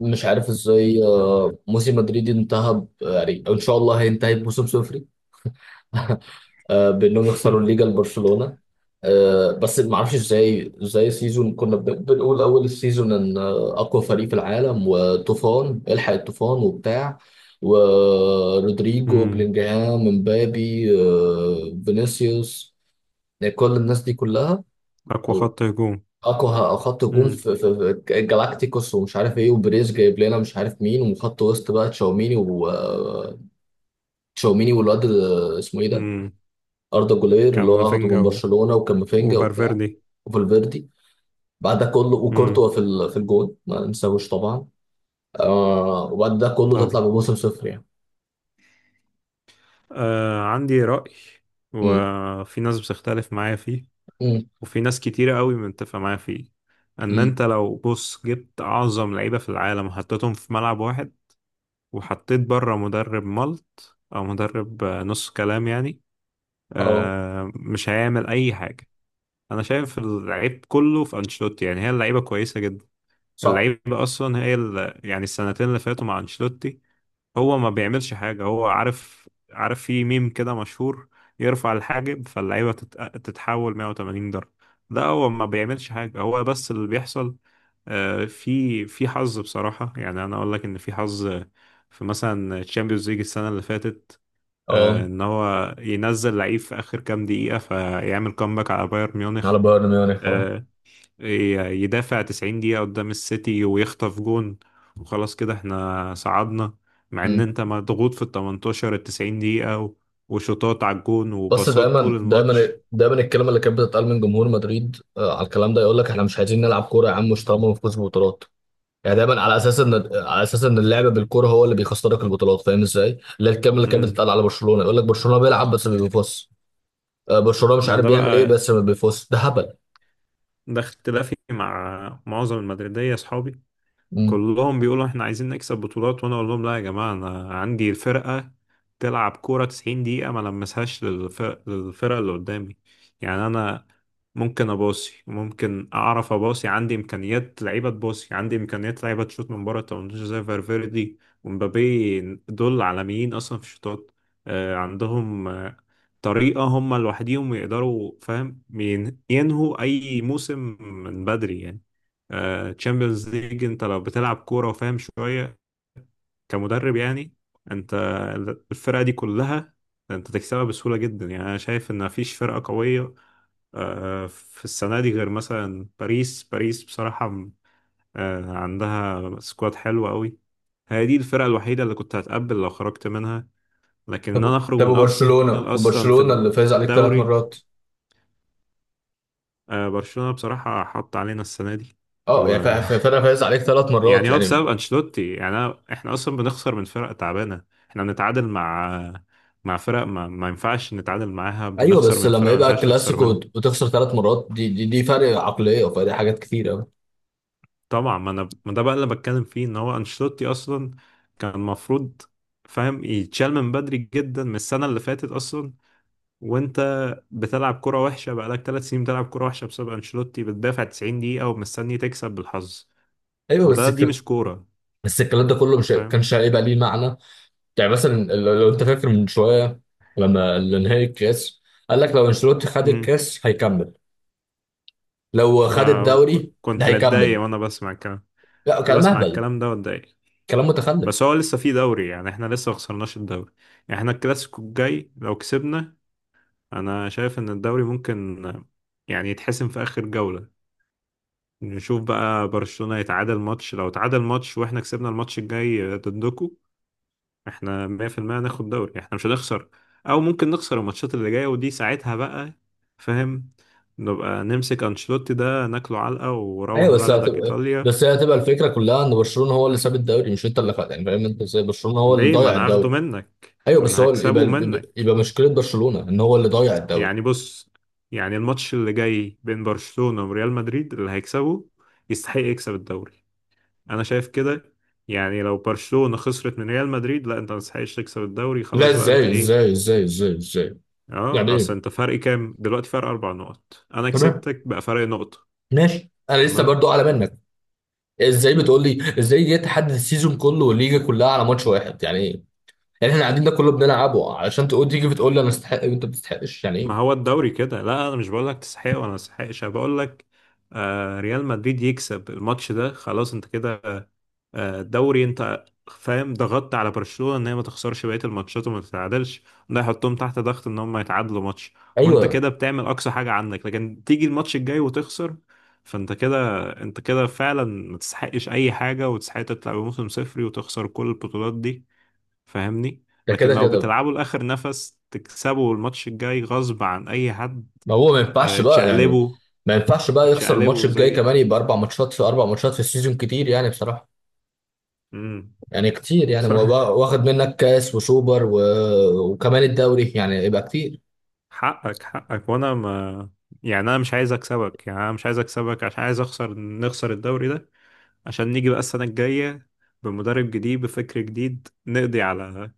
مش عارف ازاي، موسم مدريد انتهى يعني ان شاء الله هينتهي بموسم صفري. بانهم يخسروا الليجا لبرشلونه. بس ما اعرفش ازاي سيزون. كنا بنقول اول السيزون ان اقوى فريق في العالم، وطوفان الحق الطوفان وبتاع، ورودريجو امم. بلينجهام مبابي، فينيسيوس، يعني كل الناس دي كلها، اقوى خط هجوم. اقوى خط هجوم امم في جالاكتيكوس، ومش عارف ايه، وبريز جايب لنا مش عارف مين، وخط وسط بقى تشاوميني و تشاوميني والواد اسمه ايه ده، امم. اردا جولير اللي هو اخده كامافينجا من برشلونه، وكامافينجا وبتاع، وفالفيردي. وفالفيردي. بعد ده كله امم. وكورتوا في في الجون ما ننساهوش طبعا. وبعد ده كله تطلع طبعا. بموسم صفر يعني. عندي رأي، امم. وفي ناس بتختلف معايا فيه، امم. وفي ناس كتيرة قوي متفقة معايا فيه. ان امم. انت لو بص جبت اعظم لعيبة في العالم حطيتهم في ملعب واحد، وحطيت بره مدرب ملط او مدرب نص كلام يعني. اه. مش هيعمل اي حاجة. انا شايف اللعيب كله في انشيلوتي، يعني هي اللعيبة كويسة جدا. صح. اللعيب اصلا هي يعني السنتين اللي فاتوا مع انشيلوتي هو ما بيعملش حاجه. هو عارف في ميم كده مشهور، يرفع الحاجب فاللعيبه تتحول 180 درجه. ده هو ما بيعملش حاجه، هو بس اللي بيحصل. في حظ بصراحه، يعني انا اقول لك ان في حظ. في مثلا تشامبيونز ليج السنه اللي فاتت، اه. ان هو ينزل لعيب في اخر كام دقيقه فيعمل كومباك على بايرن ميونخ. على بايرن ميونخ، اه. آه، يدافع 90 دقيقة قدام السيتي ويخطف جون، وخلاص كده احنا صعدنا. مع ان انت مضغوط في ال 18، ال 90 دقيقة وشوطات على الجون بس وباصات طول دايما دايما الماتش. دايما الكلمه اللي كانت بتتقال من جمهور مدريد، على الكلام ده، يقول لك احنا مش عايزين نلعب كوره يا عم، مش طالما بنفوز ببطولات. يعني دايما على اساس ان، على اساس ان اللعب بالكوره هو اللي بيخسرك البطولات. فاهم ازاي؟ اللي هي الكلمه اللي كانت امم. بتتقال على برشلونه، يقول لك برشلونه بيلعب بس ما بيفوزش. برشلونه مش ما عارف ده بيعمل ايه بقى، بس ما بيفوزش. ده هبل. ده اختلافي مع معظم المدريدية اصحابي. مم. كلهم بيقولوا احنا عايزين نكسب بطولات، وانا اقول لهم لا يا جماعة، انا عندي الفرقة تلعب كورة 90 دقيقة ما لمسهاش للفرق، للفرقة اللي قدامي. يعني انا ممكن اباصي، ممكن اعرف اباصي، عندي امكانيات لعيبة تباصي، عندي امكانيات لعيبة تشوط من بره التمنتاشر زي فالفيردي ومبابي. دول عالميين اصلا في الشوطات. عندهم طريقة هم لوحديهم يقدروا فاهم ينهوا أي موسم من بدري، يعني تشامبيونز ليج. أنت لو بتلعب كورة وفاهم شوية كمدرب، يعني أنت الفرقة دي كلها أنت تكسبها بسهولة جدا. يعني أنا شايف إن مفيش فرقة قوية في السنة دي غير مثلا باريس بصراحة عندها سكواد حلو قوي. هي دي الفرقة الوحيدة اللي كنت هتقبل لو خرجت منها، لكن إن طب أنا أخرج طب، من أرسنال أصلا برشلونه في اللي فايز عليك ثلاث الدوري. مرات. برشلونة بصراحة حط علينا السنة دي. اه و يعني، فرقه فايز عليك ثلاث مرات يعني هو يعني. بسبب أنشيلوتي، يعني أنا احنا أصلا بنخسر من فرق تعبانة، احنا بنتعادل مع فرق ما ينفعش نتعادل معاها، ايوه بنخسر بس من لما فرق ما يبقى ينفعش نخسر كلاسيكو منها. وتخسر ثلاث مرات، دي فرق عقليه، فدي حاجات كتيره. طبعا، ما أنا ما ده بقى اللي بتكلم فيه، إن هو أنشيلوتي أصلا كان المفروض فاهم يتشال من بدري جدا من السنة اللي فاتت أصلا. وأنت بتلعب كرة وحشة بقالك 3 سنين، بتلعب كرة وحشة بسبب أنشيلوتي، بتدافع 90 دقيقة ومستني تكسب بالحظ، ايوه بس وده دي مش كورة. بس الكلام ده كله مش كانش هيبقى ليه معنى. يعني مثلا، لو انت فاكر من شويه لما نهائي الكاس، قال لك لو انشيلوتي خد امم. الكاس هيكمل، لو خد الدوري ده كنت هيكمل. بتضايق وانا بسمع الكلام، لا، كنت كلام بسمع اهبل. الكلام ده واتضايق. كلام متخلف. بس هو لسه في دوري، يعني احنا لسه ما خسرناش الدوري. يعني احنا الكلاسيكو الجاي لو كسبنا، انا شايف ان الدوري ممكن يعني يتحسم في اخر جولة. نشوف بقى برشلونة يتعادل ماتش، لو اتعادل ماتش واحنا كسبنا الماتش الجاي ضدكم، احنا 100% هناخد دوري، احنا مش هنخسر. او ممكن نخسر الماتشات اللي جاية، ودي ساعتها بقى فاهم نبقى نمسك انشيلوتي ده ناكله علقة وروح ايوه، بلدك ايطاليا. بس هي هتبقى الفكره كلها ان برشلونه هو اللي ساب الدوري مش انت اللي خد، يعني فاهم انت ازاي؟ برشلونه هو اللي ليه؟ ما ضيع انا هاخده الدوري. منك، ايوه ما بس انا هو هكسبه يبقى منك. مشكله برشلونه ان هو اللي ضيع الدوري. يعني بص، يعني الماتش اللي جاي بين برشلونة وريال مدريد اللي هيكسبه يستحق يكسب الدوري. انا شايف كده. يعني لو برشلونة خسرت من ريال مدريد، لا انت ما تستحقش تكسب الدوري، لا، خلاص بقى انت ازاي ايه. ازاي ازاي ازاي ازاي، يعني اه، اصل انت ايه؟ فرق كام دلوقتي؟ فرق 4 نقط، انا تمام كسبتك بقى فرق نقطة. ماشي، انا لسه تمام. برضو اعلى منك. ازاي بتقول لي، ازاي جاي تحدد السيزون كله والليجا كلها على ماتش واحد؟ يعني ايه؟ يعني احنا قاعدين ده كله بنلعبه علشان تقول، تيجي بتقول لي انا استحق وانت ما بتستحقش؟ يعني ما ايه؟ هو الدوري كده، لا انا مش بقول لك تستحق ولا ما تستحقش، انا بقول لك آه، ريال مدريد يكسب الماتش ده خلاص انت كده دوري. انت فاهم ضغطت على برشلونة ان هي ما تخسرش بقية الماتشات وما تتعادلش، ده يحطهم تحت ضغط ان هم يتعادلوا ماتش، وانت ايوه. كده بتعمل اقصى حاجة عندك. لكن تيجي الماتش الجاي وتخسر، فانت كده، انت كده فعلا ما تستحقش اي حاجة، وتستحق تطلع بموسم صفري وتخسر كل البطولات دي. فاهمني؟ ده لكن كده لو كده. بتلعبوا لاخر نفس تكسبوا الماتش الجاي غصب عن اي حد، ما هو، ما ينفعش بقى يعني. تشقلبوا، ما ينفعش بقى يخسر الماتش تشقلبوا الجاي زي كمان، يبقى اربع ماتشات، في اربع ماتشات في السيزون كتير يعني بصراحه. امم. يعني كتير، يعني هو بقى واخد منك كاس وسوبر وكمان الدوري، يعني يبقى كتير. حقك وانا ما، يعني انا مش عايز اكسبك، يعني انا مش عايز اكسبك عشان عايز اخسر، نخسر الدوري ده عشان نيجي بقى السنة الجاية بمدرب جديد بفكر جديد،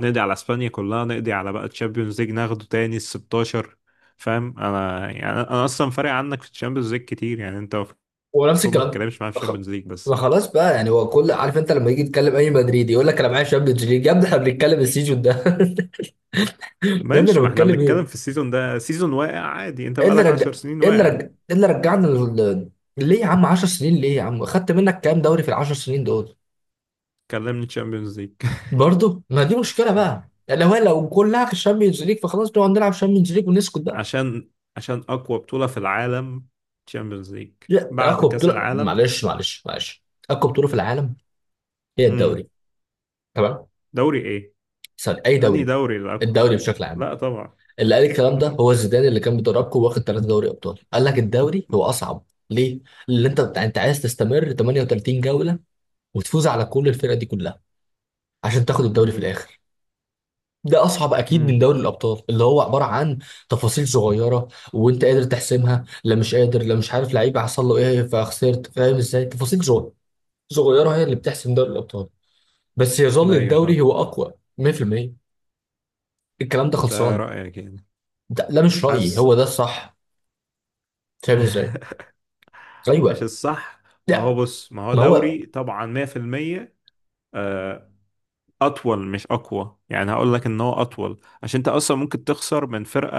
نقضي على اسبانيا كلها، نقضي على بقى تشامبيونز ليج ناخده تاني ال 16. فاهم انا، يعني انا اصلا فارق عنك في الشامبيونز ليج كتير، يعني انت المفروض ونفس ما الكلام. تتكلمش معايا في خ- الشامبيونز ليج ما بس. خلاص بقى يعني، هو كل عارف، انت لما يجي يتكلم اي مدريدي يقول لك انا معايا شامبيونز ليج، يا ابني احنا بنتكلم السيزون ده. ده اللي انا ماشي، ما احنا بتكلم بنتكلم ايه. في السيزون ده، سيزون واقع عادي، انت إيه اللي بقالك رجع 10 سنين ايه اللي واقع. رجع ايه اللي رجعنا ليه يا عم؟ 10 سنين ليه يا عم؟ خدت منك كام دوري في ال 10 سنين دول؟ كلمني تشامبيونز ليج. برضه ما دي مشكله بقى يعني، لو كلها في الشامبيونز ليج فخلاص نقعد نلعب شامبيونز ليج ونسكت بقى. عشان عشان اقوى بطولة في العالم تشامبيونز ليج لا يا بعد اقوى كأس بطوله، العالم. معلش معلش معلش، اقوى بطوله في العالم هي امم. الدوري. تمام. دوري ايه؟ سوري، اي انهي دوري؟ دوري الاقوى؟ الدوري بشكل عام. لا طبعا. اللي قال الكلام لا ده طبعا. هو زيدان اللي كان بيدربكم، واخد ثلاثه دوري ابطال، قال لك الدوري هو اصعب. ليه؟ اللي انت عايز تستمر 38 جوله وتفوز على كل الفرق دي كلها عشان تاخد الدوري في امم. الاخر، ده اصعب اكيد من امم. دوري الابطال اللي هو عباره عن تفاصيل صغيره، وانت قادر تحسمها. لا، مش قادر، لا مش عارف لعيب حصل له ايه فخسرت. فاهم ازاي؟ تفاصيل صغيره، صغيره هي اللي بتحسم دوري الابطال. بس يظل ايوه الدوري فاهم. هو اقوى 100%. الكلام ده ده خلصان. رأيك يعني. ده لا مش رايي، حاسس هو ده الصح. فاهم ازاي؟ مش ايوه. الصح. ما هو لا بص، ما هو ما هو، دوري طبعا 100%. آه، اطول مش اقوى، يعني هقول لك ان هو اطول عشان انت اصلا ممكن تخسر من فرقة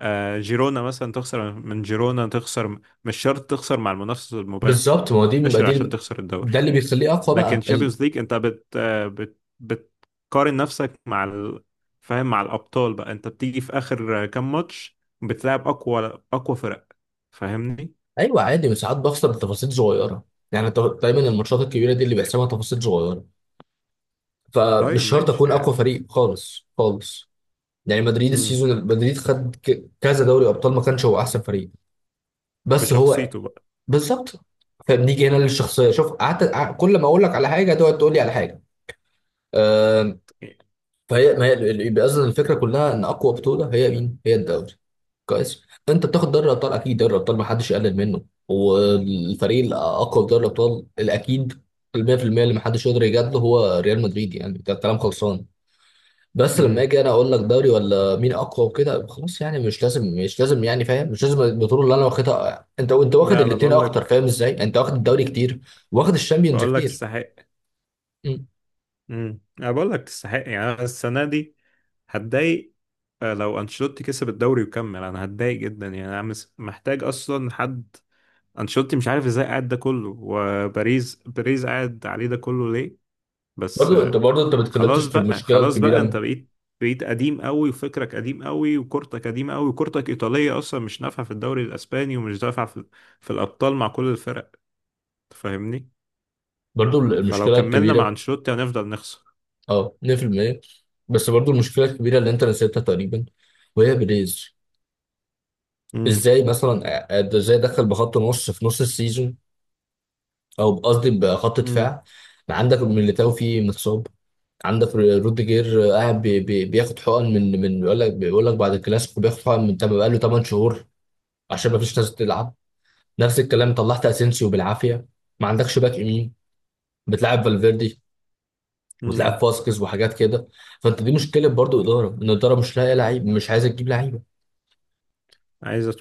جيرونا مثلا، تخسر من جيرونا، تخسر. مش شرط تخسر مع المنافس المباشر، بالظبط، ما مباشر عشان دي تخسر الدوري. ده اللي بيخليه اقوى لكن بقى تشامبيونز ليج انت بت بت بتقارن نفسك مع فاهم مع الابطال بقى، انت بتيجي في اخر كام ماتش، بتلعب اقوى اقوى فرق. فاهمني؟ ايوه عادي بس ساعات بخسر بتفاصيل صغيره. يعني دايما الماتشات الكبيره دي اللي بيحسمها تفاصيل صغيره، فمش طيب شرط ماشي اكون اقوى يعني. فريق خالص خالص. يعني مدريد امم. السيزون، مدريد خد كذا دوري ابطال ما كانش هو احسن فريق، بس هو. بشخصيته بقى. بالظبط. فبنيجي هنا للشخصيه، شوف، كل ما اقول لك على حاجه تقعد تقول لي على حاجه. آم، فهي، ما هي اللي بيأذن، الفكره كلها ان اقوى بطوله هي مين؟ هي الدوري. كويس. انت بتاخد دوري الابطال، اكيد دوري الابطال ما حدش يقلل منه، والفريق الاقوى في دوري الابطال الاكيد، ال 100% اللي ما حدش يقدر يجادله هو ريال مدريد، يعني ده كلام خلصان. بس لما امم. اجي انا اقول لك دوري ولا مين اقوى وكده، خلاص يعني مش لازم مش لازم، يعني فاهم، مش لازم البطوله اللي انا واخدها، انت واخد لا انا الاثنين بقول اكتر، لك فاهم ازاي؟ انت واخد الدوري كتير، واخد الشامبيونز بقول لك كتير. تستحق. مم. امم. انا بقول لك تستحق، يعني انا السنه دي هتضايق، لو انشيلوتي كسب الدوري وكمل انا هتضايق جدا، يعني انا محتاج اصلا حد. انشيلوتي مش عارف ازاي قاعد ده كله، وباريس قاعد عليه ده كله ليه؟ بس برضو انت ما اتكلمتش خلاص في بقى، المشكله خلاص بقى انت الكبيره. بقيت قديم قوي، وفكرك قديم قوي، وكورتك قديم قوي، وكورتك ايطاليه اصلا مش نافعه في الدوري الاسباني، ومش نافعه في الابطال مع كل الفرق. تفهمني؟ برضو فلو المشكله كملنا مع الكبيره. انشيلوتي هنفضل نخسر. اه 100%. بس برضو المشكله الكبيره اللي انت نسيتها تقريبا، وهي بريز. امم. ازاي مثلا؟ ازاي دخل بخط نص في نص السيزون؟ او قصدي بخط امم. دفاع. عندك ميليتاو فيه متصاب، عندك روديجير قاعد بي بي بياخد حقن من بيقول لك، بعد الكلاسيكو بياخد حقن من بقى له 8 شهور، عشان ما فيش ناس تلعب. نفس الكلام، طلعت اسينسيو بالعافيه. ما عندكش باك يمين، بتلعب فالفيردي وتلعب امم. فاسكيز وحاجات كده. فانت، دي مشكله برضو اداره، ان الاداره مش لاقيه لعيب، مش عايزه تجيب لعيبه. عايز،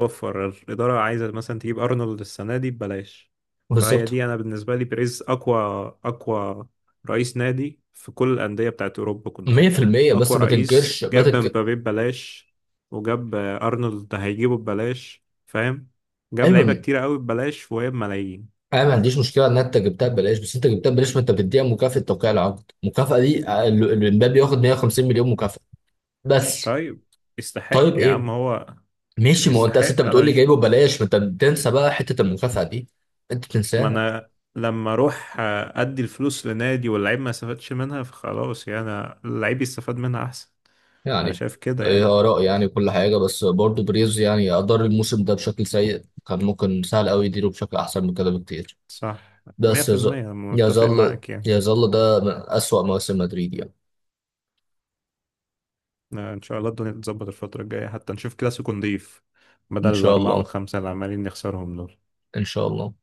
وفر الإدارة عايزة مثلا تجيب أرنولد السنة دي ببلاش. فهي بالظبط دي أنا بالنسبة لي بيريز أقوى رئيس نادي في كل الأندية بتاعت أوروبا كلها. 100%، بس أقوى ما رئيس تنكرش ما جاب تنكر. مبابي ببلاش، وجاب أرنولد هيجيبه ببلاش فاهم. جاب لعيبة ايوه، كتيرة قوي ببلاش وهي بملايين. انا ما عنديش مشكله ان انت جبتها ببلاش، بس انت جبتها ببلاش ما انت بتديها مكافاه توقيع العقد، المكافاه دي الامبابي ياخد 150 مليون مكافاه بس. طيب يستحق طيب يا ايه، عم هو. ماشي. ما هو انت، أصل يستحق انت بتقول أنا لي مش. جايبه ببلاش، ما انت بتنسى بقى حته المكافاه دي، انت ما بتنساها. أنا لما أروح أدي الفلوس لنادي واللعيب ما استفادش منها، فخلاص يعني اللعيب يستفاد منها أحسن. انا يعني شايف كده يعني. ايه، اراء، يعني كل حاجه. بس برضه بريز يعني ادار الموسم ده بشكل سيء، كان ممكن سهل قوي يديره بشكل احسن من كده بكتير. صح. بس يظل، 100% متفق يظل معاك يعني. ده من اسوأ مواسم مدريد يعني. ان شاء الله الدنيا تتظبط الفترة الجاية حتى نشوف كلاسيكو نضيف، ان بدل شاء الأربعة الله. والخمسة اللي عمالين نخسرهم دول. ان شاء الله.